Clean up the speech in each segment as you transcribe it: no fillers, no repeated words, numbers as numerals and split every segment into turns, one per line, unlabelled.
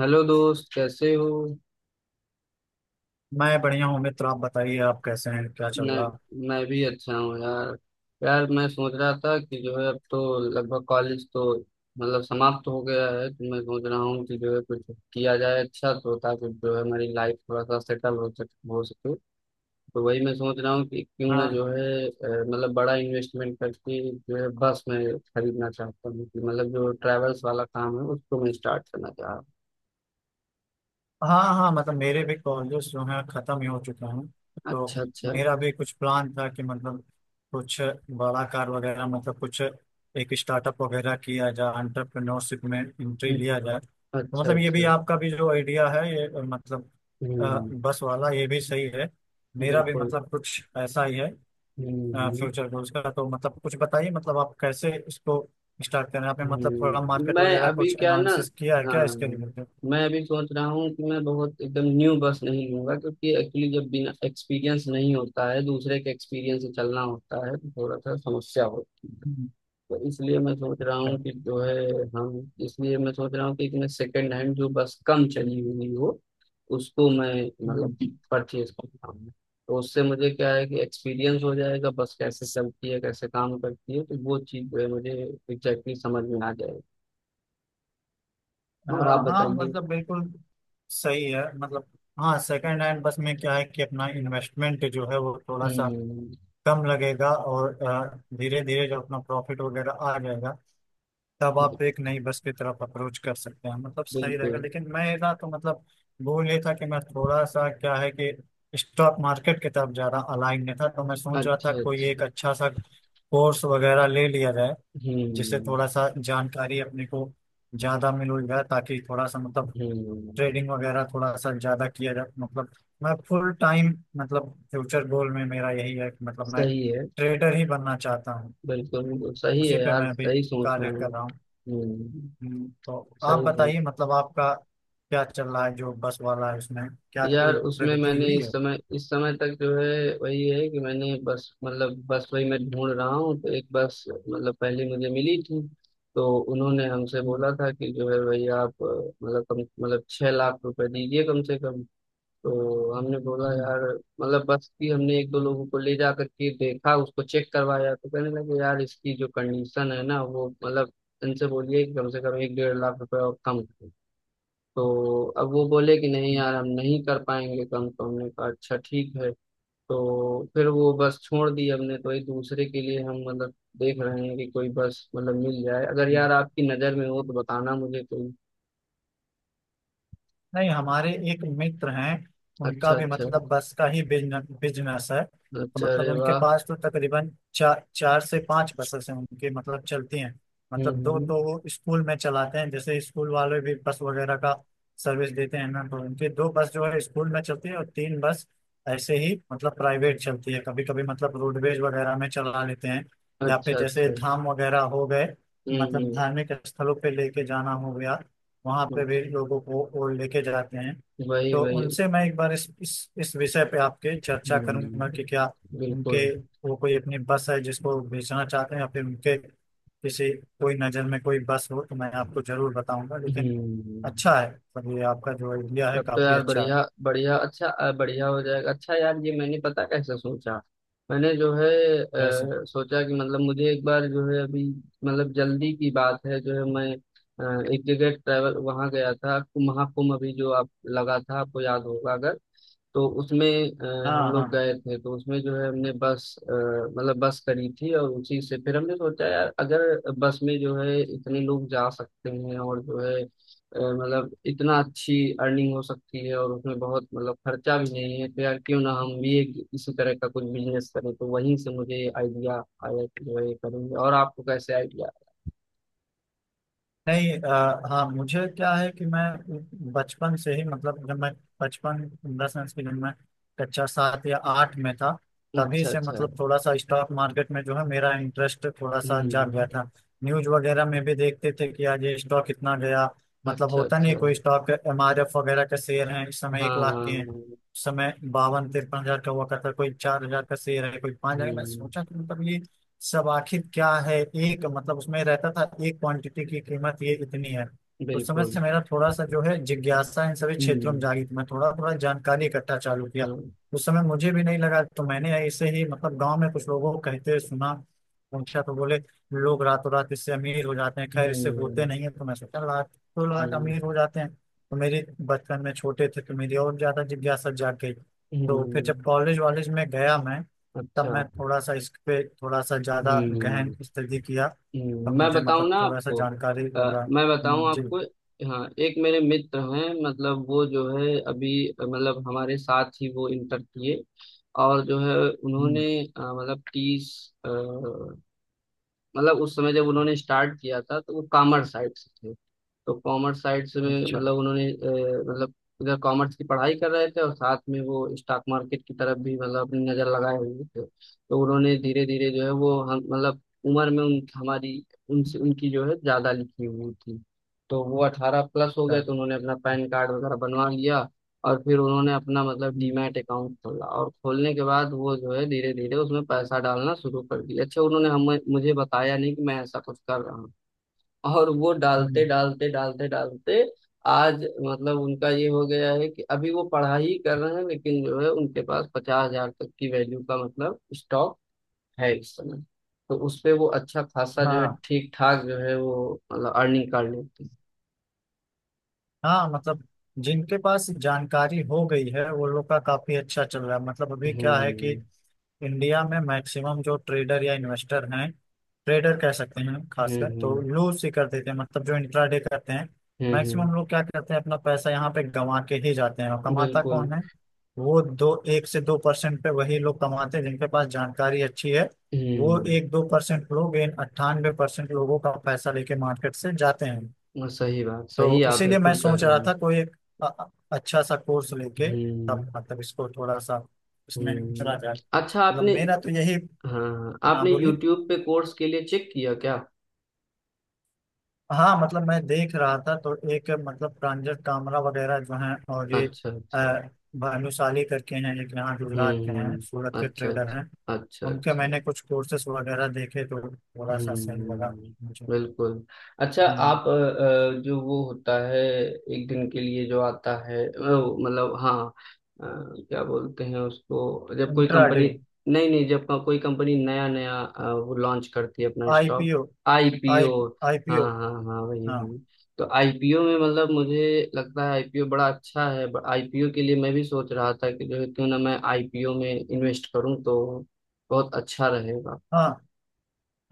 Hello दोस्त, कैसे हो?
मैं बढ़िया हूँ मित्र। आप बताइए आप कैसे हैं क्या चल
मैं
रहा।
मैं भी अच्छा हूँ यार। यार, मैं सोच रहा था कि जो है अब तो लगभग कॉलेज तो मतलब समाप्त हो गया है, तो मैं सोच रहा हूँ कि जो है कुछ किया जाए अच्छा, तो ताकि जो है हमारी लाइफ थोड़ा सा सेटल हो सक हो सके। तो वही मैं सोच रहा हूँ कि क्यों ना
हाँ
जो है मतलब बड़ा इन्वेस्टमेंट करके जो है बस मैं खरीदना चाहता हूँ कि मतलब जो ट्रैवल्स वाला काम है उसको मैं स्टार्ट करना चाह रहा हूँ।
हाँ हाँ मतलब मेरे भी कॉलेज जो हैं खत्म ही हो चुके हैं। तो
अच्छा अच्छा।
मेरा भी कुछ प्लान था कि मतलब कुछ बड़ा कार वगैरह मतलब कुछ एक स्टार्टअप वगैरह किया जाए, एंटरप्रेन्योरशिप में एंट्री
हम्म।
लिया जाए। तो
अच्छा
मतलब ये भी
अच्छा।
आपका भी जो आइडिया है ये मतलब
हम्म।
बस वाला ये भी सही है। मेरा भी
बिल्कुल।
मतलब कुछ ऐसा ही है।
हम्म, हम्म।
फ्यूचर गोल्स का तो मतलब कुछ बताइए मतलब आप कैसे इसको स्टार्ट कर रहे हैं। आपने मतलब थोड़ा
हम्म।
मार्केट
मैं
वगैरह
अभी
कुछ
क्या ना
एनालिसिस किया है क्या
हाँ,
इसके रिलेटेड।
मैं अभी सोच रहा हूँ कि मैं बहुत एकदम न्यू बस नहीं लूंगा क्योंकि एक्चुअली जब बिना एक्सपीरियंस नहीं होता है दूसरे के एक्सपीरियंस से चलना होता है तो थोड़ा सा समस्या होती है।
हम्म,
तो इसलिए मैं सोच रहा
अच्छा।
हूँ कि जो है हम इसलिए मैं सोच रहा हूँ कि एक मैं सेकंड हैंड जो बस कम चली हुई हो उसको मैं मतलब
हम्म,
परचेज करता हूँ। तो उससे मुझे क्या है कि एक्सपीरियंस हो जाएगा, बस कैसे चलती है कैसे काम करती है, तो वो चीज़ जो है मुझे एग्जैक्टली समझ में आ जाएगी। और आप
हाँ हाँ
बताइए।
मतलब बिल्कुल। सही है मतलब। हाँ सेकंड हैंड बस में क्या है कि अपना इन्वेस्टमेंट जो है वो थोड़ा सा
हम्म।
कम लगेगा और धीरे धीरे जो अपना प्रॉफिट वगैरह आ जाएगा, तब आप एक नई बस की तरफ अप्रोच कर सकते हैं। मतलब सही रहेगा,
बिल्कुल।
लेकिन मैं ना तो मतलब भूल ये था कि मैं थोड़ा सा क्या है कि स्टॉक मार्केट की तरफ ज्यादा अलाइन नहीं था। तो मैं सोच रहा था
अच्छा
कोई
अच्छा।
एक अच्छा सा कोर्स वगैरह ले लिया जाए, जिससे
हम्म।
थोड़ा सा जानकारी अपने को ज्यादा मिल जाए, ताकि थोड़ा सा मतलब
हम्म।
ट्रेडिंग वगैरह थोड़ा सा ज्यादा किया जाए। मतलब मैं फुल टाइम मतलब फ्यूचर गोल में मेरा यही है कि मतलब मैं
सही है।
ट्रेडर ही बनना चाहता हूँ।
बिल्कुल
हम्म,
बिल्कुल सही
उसी
है
पे
यार,
मैं अभी
सही सोच में
कार्य
है।
कर रहा हूँ।
हम्म।
तो आप
सही सोच।
बताइए मतलब आपका क्या चल रहा है। जो बस वाला है उसमें क्या
यार
कोई
उसमें
प्रगति
मैंने
हुई है।
इस समय तक जो है वही है कि मैंने बस मतलब बस वही मैं ढूंढ रहा हूँ। तो एक बस मतलब पहले मुझे मिली थी, तो उन्होंने हमसे
हम्म,
बोला था कि जो है भाई आप मतलब कम मतलब 6 लाख रुपए दीजिए कम से कम। तो हमने बोला
हम्म,
यार मतलब बस की हमने एक दो लोगों को ले जा करके देखा उसको चेक करवाया तो कहने लगे यार इसकी जो कंडीशन है ना वो मतलब इनसे बोलिए कि कम से कम एक डेढ़ लाख रुपए और कम करें। तो अब वो बोले कि नहीं
हम्म,
यार हम नहीं कर पाएंगे कम, तो हमने कहा अच्छा ठीक है। तो फिर वो बस छोड़ दी हमने, तो एक दूसरे के लिए हम मतलब देख रहे हैं कि कोई बस मतलब मिल जाए। अगर
हम्म।
यार आपकी नज़र में हो तो बताना मुझे कोई।
नहीं, हमारे एक मित्र हैं, उनका
अच्छा
भी
अच्छा।
मतलब बस का ही बिजनेस बिजनेस है, तो
अच्छा,
मतलब
अरे
उनके
वाह।
पास तो तकरीबन चार, चार से पांच बसेस हैं उनकी मतलब चलती हैं। मतलब दो
हम्म।
तो वो स्कूल में चलाते हैं, जैसे स्कूल वाले भी बस वगैरह का सर्विस देते हैं ना, तो उनके दो बस जो है स्कूल में चलती है और तीन बस ऐसे ही मतलब प्राइवेट चलती है, कभी कभी मतलब रोडवेज वगैरह में चला लेते हैं। या फिर
अच्छा
जैसे
अच्छा।
धाम वगैरह हो गए, मतलब
हम्म।
धार्मिक स्थलों पे लेके जाना हो गया, वहाँ पे भी लोगों को वो लेके जाते हैं।
हम्म। वही
तो
वही।
उनसे मैं एक बार इस विषय पे आपके चर्चा
हम्म।
करूंगा कि क्या उनके
बिल्कुल।
वो कोई अपनी बस है जिसको बेचना चाहते हैं, या फिर उनके किसी कोई नज़र में कोई बस हो तो मैं आपको जरूर बताऊंगा, लेकिन
हम्म।
अच्छा है सब। ये आपका जो आइडिया है
तब तो
काफी
यार
अच्छा है।
बढ़िया बढ़िया, अच्छा बढ़िया हो जाएगा। अच्छा यार, ये मैंने पता कैसे सोचा। मैंने जो है
कैसे।
सोचा कि मतलब मुझे एक बार जो है अभी मतलब जल्दी की बात है जो है मैं एक जगह ट्रैवल वहाँ गया था, महाकुंभ अभी जो आप लगा था, आपको याद होगा अगर। तो उसमें हम
हाँ हाँ।
लोग गए थे तो उसमें जो है हमने बस अ, मतलब बस करी थी, और उसी से फिर हमने सोचा यार अगर बस में जो है इतने लोग जा सकते हैं और जो है मतलब इतना अच्छी अर्निंग हो सकती है और उसमें बहुत मतलब खर्चा भी नहीं है, तो यार क्यों ना हम भी एक इसी तरह का कुछ बिजनेस करें। तो वहीं से मुझे आइडिया आया कि जो है ये करेंगे। और आपको कैसे आइडिया?
नहीं हाँ मुझे क्या है कि मैं बचपन से ही मतलब जब मैं बचपन इन द सेंस कि जब मैं कक्षा सात या आठ में था, तभी
अच्छा
से
अच्छा।
मतलब थोड़ा सा स्टॉक मार्केट में जो है मेरा इंटरेस्ट थोड़ा सा जाग गया
हम्म।
था। न्यूज वगैरह में भी देखते थे कि आज ये स्टॉक कितना गया, मतलब
अच्छा
होता नहीं है,
अच्छा।
कोई स्टॉक एम आर एफ वगैरह के शेयर हैं, इस समय
हाँ
एक
हाँ
लाख के हैं,
हाँ।
इस समय 52-53 हजार का हुआ करता है, कोई 4 हजार का शेयर है, कोई 5 हजार। मैं
हम्म।
सोचा कि मतलब ये सब आखिर क्या है। एक मतलब उसमें रहता था एक क्वांटिटी की कीमत ये इतनी है। उस समय
बिल्कुल।
से मेरा थोड़ा सा जो है जिज्ञासा इन सभी क्षेत्रों में
हम्म।
जागी, तो मैं थोड़ा थोड़ा जानकारी इकट्ठा चालू किया।
हाँ।
उस समय मुझे भी नहीं लगा, तो मैंने ऐसे ही मतलब गांव में कुछ लोगों को कहते सुना, पूछा तो बोले लोग रातों रात इससे अमीर हो जाते हैं। खैर, इससे होते
हम्म।
नहीं है, तो मैं सोचा लाख तो लाख
हम्म,
अमीर हो जाते हैं। तो मेरे बचपन में छोटे थे तो मेरी और ज्यादा जिज्ञासा जाग गई। तो फिर जब
हम्म।
कॉलेज वॉलेज में गया मैं, तब
अच्छा।
मैं थोड़ा सा इस पे थोड़ा सा ज्यादा
हम्म।
गहन स्टडी किया। तब
मैं
मुझे
बताऊं
मतलब
ना
थोड़ा सा
आपको।
जानकारी लगा।
मैं बताऊं
जी।
आपको। हाँ, एक मेरे मित्र हैं मतलब वो जो है अभी मतलब हमारे साथ ही वो इंटर किए, और जो है
हम्म,
उन्होंने मतलब तीस अ, मतलब उस समय जब उन्होंने स्टार्ट किया था तो वो कॉमर्स साइड से थे। तो कॉमर्स साइड से में
अच्छा
मतलब उन्होंने मतलब इधर कॉमर्स की पढ़ाई कर रहे थे और साथ में वो स्टॉक मार्केट की तरफ भी मतलब अपनी नजर लगाए हुए थे। तो उन्होंने धीरे धीरे जो है वो हम मतलब उम्र में उन हमारी उनसे उनकी जो है ज्यादा लिखी हुई थी। तो वो 18+ हो गए
अच्छा।
तो उन्होंने अपना पैन कार्ड वगैरह बनवा लिया, और फिर उन्होंने अपना मतलब
हम्म,
डीमैट अकाउंट खोला और खोलने के बाद वो जो है धीरे धीरे उसमें पैसा डालना शुरू कर दिया। अच्छा उन्होंने हमें मुझे बताया नहीं कि मैं ऐसा कुछ कर रहा हूँ। और वो
हम्म,
डालते डालते डालते डालते आज मतलब उनका ये हो गया है कि अभी वो पढ़ाई कर रहे हैं लेकिन जो है उनके पास 50 हजार तक की वैल्यू का मतलब स्टॉक है इस समय। तो उस पे वो अच्छा खासा जो है
हाँ
ठीक ठाक जो है वो मतलब अर्निंग कर लेते हैं।
हाँ मतलब जिनके पास जानकारी हो गई है वो लोग का काफी अच्छा चल रहा है। मतलब अभी क्या है कि
हम्म
इंडिया में मैक्सिमम जो ट्रेडर या इन्वेस्टर हैं, ट्रेडर कह सकते हैं हम खासकर, तो
हम्म।
लूज ही कर देते हैं। मतलब जो इंट्राडे करते हैं,
हम्म।
मैक्सिमम लोग क्या करते हैं, अपना पैसा यहाँ पे गंवा के ही जाते हैं, और कमाता
बिल्कुल।
कौन है। वो दो, एक से दो परसेंट पे वही लोग कमाते हैं जिनके पास जानकारी अच्छी है। वो
हम्म।
एक दो परसेंट लोग इन 98% परसेंट लोगों का पैसा लेके मार्केट से जाते हैं।
वो सही बात, सही
तो
आप
इसीलिए मैं
बिल्कुल कह
सोच रहा
रहे हैं।
था कोई एक अ- अ- अच्छा सा कोर्स लेके
हम्म
तब मतलब इसको थोड़ा सा इसमें उतरा
हम्म।
जाए।
अच्छा,
मतलब
आपने।
मेरा तो यही।
हाँ,
हाँ
आपने
बोलिए।
YouTube पे कोर्स के लिए चेक किया क्या?
हाँ मतलब मैं देख रहा था तो एक मतलब प्रांजल कामरा वगैरह जो हैं और ये
अच्छा
अ,
अच्छा।
भानुशाली करके हैं, एक यहाँ
हम्म।
गुजरात के हैं, सूरत के
अच्छा अच्छा।
ट्रेडर हैं।
अच्छा
उनके
अच्छा।
मैंने कुछ कोर्सेस वगैरह देखे तो थोड़ा सा सही लगा
हम्म।
मुझे।
बिल्कुल। अच्छा आप जो वो होता है एक दिन के लिए जो आता है वो, मतलब हाँ क्या बोलते हैं उसको जब कोई
इंट्राडे।
कंपनी? नहीं नहीं, जब कोई कंपनी नया नया वो लॉन्च करती है अपना स्टॉक।
आईपीओ। I
IPO. हाँ
आईपीओ।
हाँ हाँ, वही
हाँ
वही। तो आईपीओ में मतलब मुझे लगता है आईपीओ बड़ा अच्छा है, आईपीओ के लिए मैं भी सोच रहा था कि जो है क्यों ना मैं आईपीओ में इन्वेस्ट करूँ, तो बहुत अच्छा रहेगा।
हाँ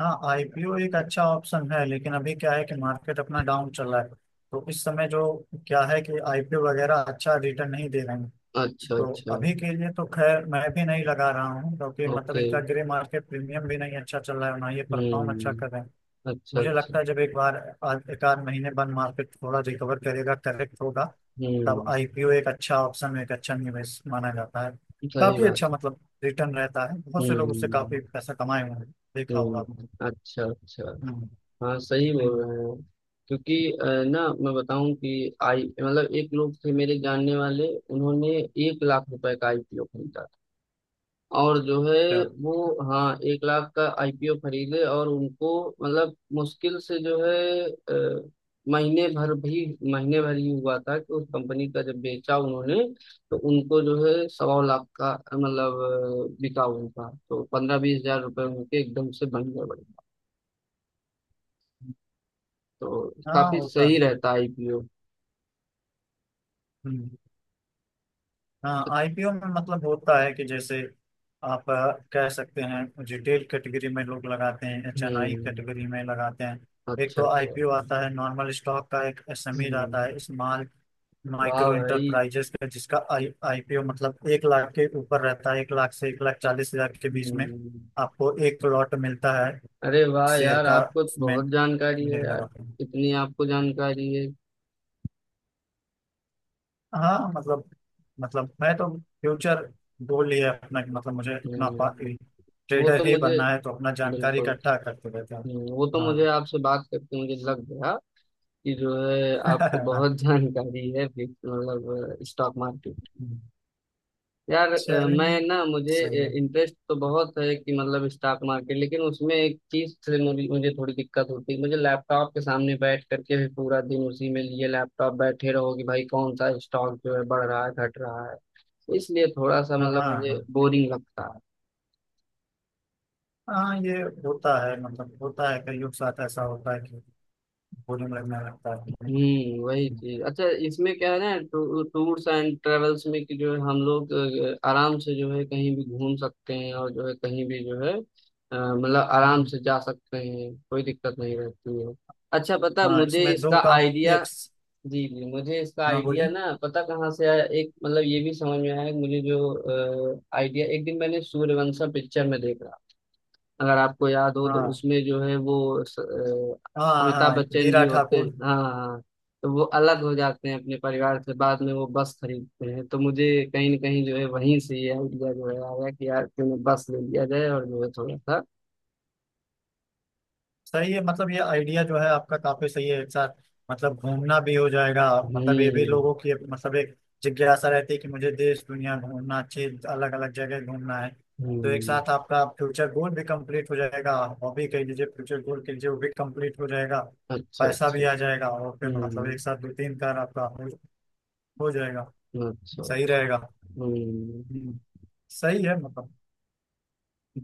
हाँ। आईपीओ एक अच्छा ऑप्शन है, लेकिन अभी क्या है कि मार्केट अपना डाउन चल रहा है, तो इस समय जो क्या है कि आईपीओ वगैरह अच्छा रिटर्न नहीं दे रहे हैं।
अच्छा
तो
अच्छा।
अभी के लिए तो खैर मैं भी नहीं लगा रहा हूँ, क्योंकि मतलब
ओके।
इनका ग्रे मार्केट प्रीमियम भी नहीं अच्छा चल रहा है ना, ये परफॉर्म अच्छा कर रहे
हम्म।
हैं।
अच्छा
मुझे
अच्छा।
लगता है जब एक बार एक आध महीने बाद मार्केट थोड़ा रिकवर करेगा, करेक्ट होगा, तब
हम्म।
आईपीओ एक अच्छा ऑप्शन, एक अच्छा निवेश माना जाता है।
सही
काफी अच्छा
बात है।
मतलब रिटर्न रहता है, बहुत से लोग उससे काफी
हम्म
पैसा कमाए हुए हैं, देखा होगा आपने।
हम्म। अच्छा अच्छा।
हम्म
हाँ सही बोल
हम्म,
रहे हैं आप। क्योंकि ना मैं बताऊं कि आई मतलब एक लोग थे मेरे जानने वाले उन्होंने 1 लाख रुपए का आईपीओ खरीदा और जो है
अच्छा।
वो हाँ, 1 लाख का आईपीओ खरीदे और उनको मतलब मुश्किल से जो है अ, महीने भर भी महीने भर ही हुआ था कि उस कंपनी का जब बेचा उन्होंने, तो उनको जो है 1.25 लाख का बिका उनका, तो 15-20 हजार रुपये उनके एकदम से बन गए, बढ़िया। तो
हाँ
काफी
होता
सही
है।
रहता आईपीओ।
हम्म। हाँ आईपीओ में मतलब होता है कि जैसे आप कह सकते हैं, रिटेल कैटेगरी में लोग लगाते हैं, एचएनआई
हम्म।
कैटेगरी में लगाते हैं। एक
अच्छा
तो
अच्छा।
आईपीओ आता है नॉर्मल स्टॉक का, एक एसएमई आता
हम्म।
है स्मॉल
वाह
माइक्रो
भाई।
इंटरप्राइजेस का, जिसका आई आईपीओ मतलब 1 लाख के ऊपर रहता है, 1 लाख से 1 लाख 40 हजार के बीच में।
हम्म।
आपको एक लॉट मिलता है
अरे वाह
शेयर
यार,
का,
आपको तो
उसमें।
बहुत जानकारी
मुझे
है
लगा।
यार, इतनी आपको जानकारी है।
हाँ मतलब मैं तो फ्यूचर गोल ही है अपना कि मतलब मुझे अपना
हम्म, वो तो
ट्रेडर ही
मुझे
बनना है, तो अपना जानकारी
बिल्कुल।
इकट्ठा करते रहते हैं।
वो तो मुझे आपसे बात करके मुझे लग गया कि जो है आपको
हाँ
बहुत जानकारी है भी- मतलब स्टॉक मार्केट। यार मैं
चलिए,
ना मुझे
सही है।
इंटरेस्ट तो बहुत है कि मतलब स्टॉक मार्केट, लेकिन उसमें एक चीज से मुझे मुझे थोड़ी दिक्कत होती है। मुझे लैपटॉप के सामने बैठ करके भी पूरा दिन उसी में लिए लैपटॉप बैठे रहो कि भाई कौन सा स्टॉक जो है बढ़ रहा है घट रहा है, इसलिए थोड़ा सा
हाँ
मतलब मुझे
हाँ
बोरिंग लगता है।
हाँ ये होता है, मतलब होता है कईयों के साथ ऐसा होता है कि बोरिंग लगने लगता है।
हम्म, वही चीज। अच्छा इसमें क्या है ना, टूर्स एंड ट्रेवल्स में कि जो है हम लोग आराम से जो है कहीं भी घूम सकते हैं और जो है कहीं भी जो है मतलब आराम
हम्म।
से जा सकते हैं, कोई दिक्कत नहीं रहती है। अच्छा पता है,
हाँ
मुझे
इसमें दो
इसका
काम,
आइडिया।
एक।
जी जी, मुझे इसका
हाँ
आइडिया
बोली।
ना पता कहाँ से आया। एक मतलब ये भी समझ में आया मुझे, जो आइडिया एक दिन मैंने सूर्यवंशम पिक्चर में देखा अगर आपको याद हो। तो
हाँ
उसमें जो है वो अ,
हाँ
अमिताभ
हाँ,
बच्चन जी
हीरा
होते हैं,
ठाकुर।
हाँ हाँ। तो वो अलग हो जाते हैं अपने परिवार से बाद में वो बस खरीदते हैं, तो मुझे कहीं ना कहीं जो है वहीं से ये आइडिया जो है आया कि यार क्यों ना बस ले लिया जाए, और जो है थोड़ा सा।
सही है, मतलब ये आइडिया जो है आपका काफी सही है। एक साथ मतलब घूमना भी हो जाएगा। मतलब ये भी
हम्म
लोगों की मतलब एक जिज्ञासा रहती है कि मुझे देश दुनिया घूमना, अच्छी अलग अलग जगह घूमना है। तो एक
हम्म।
साथ आपका फ्यूचर गोल भी कंप्लीट हो जाएगा। हॉबी कह लीजिए, फ्यूचर गोल कह लीजिए, वो भी कंप्लीट हो जाएगा।
अच्छा
पैसा
अच्छा।
भी आ जाएगा, और फिर मतलब
हम्म।
एक साथ दो तीन कार आपका हो जाएगा।
अच्छा।
सही रहेगा।
हम्म।
हम्म, सही है मतलब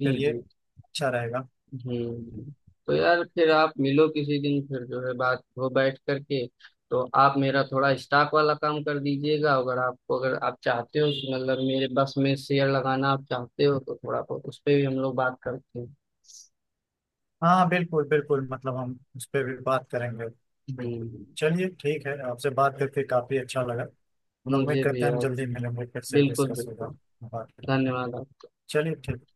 जी
फिर ये
जी।
अच्छा रहेगा।
हम्म। तो यार फिर आप मिलो किसी दिन फिर जो है बात हो बैठ करके। तो आप मेरा थोड़ा स्टॉक वाला काम कर दीजिएगा, अगर आप चाहते हो कि मतलब मेरे बस में शेयर लगाना आप चाहते हो तो थोड़ा बहुत उस पे भी हम लोग बात करते हैं।
हाँ बिल्कुल बिल्कुल, मतलब हम उस पर भी बात करेंगे। बिल्कुल।
हम्म।
चलिए ठीक है, आपसे बात करके काफी अच्छा लगा। मतलब उम्मीद
मुझे भी
करते हैं हम
यार।
जल्दी मिलेंगे, फिर से
बिल्कुल
डिस्कस होगा।
बिल्कुल।
बात करें।
धन्यवाद।
चलिए ठीक।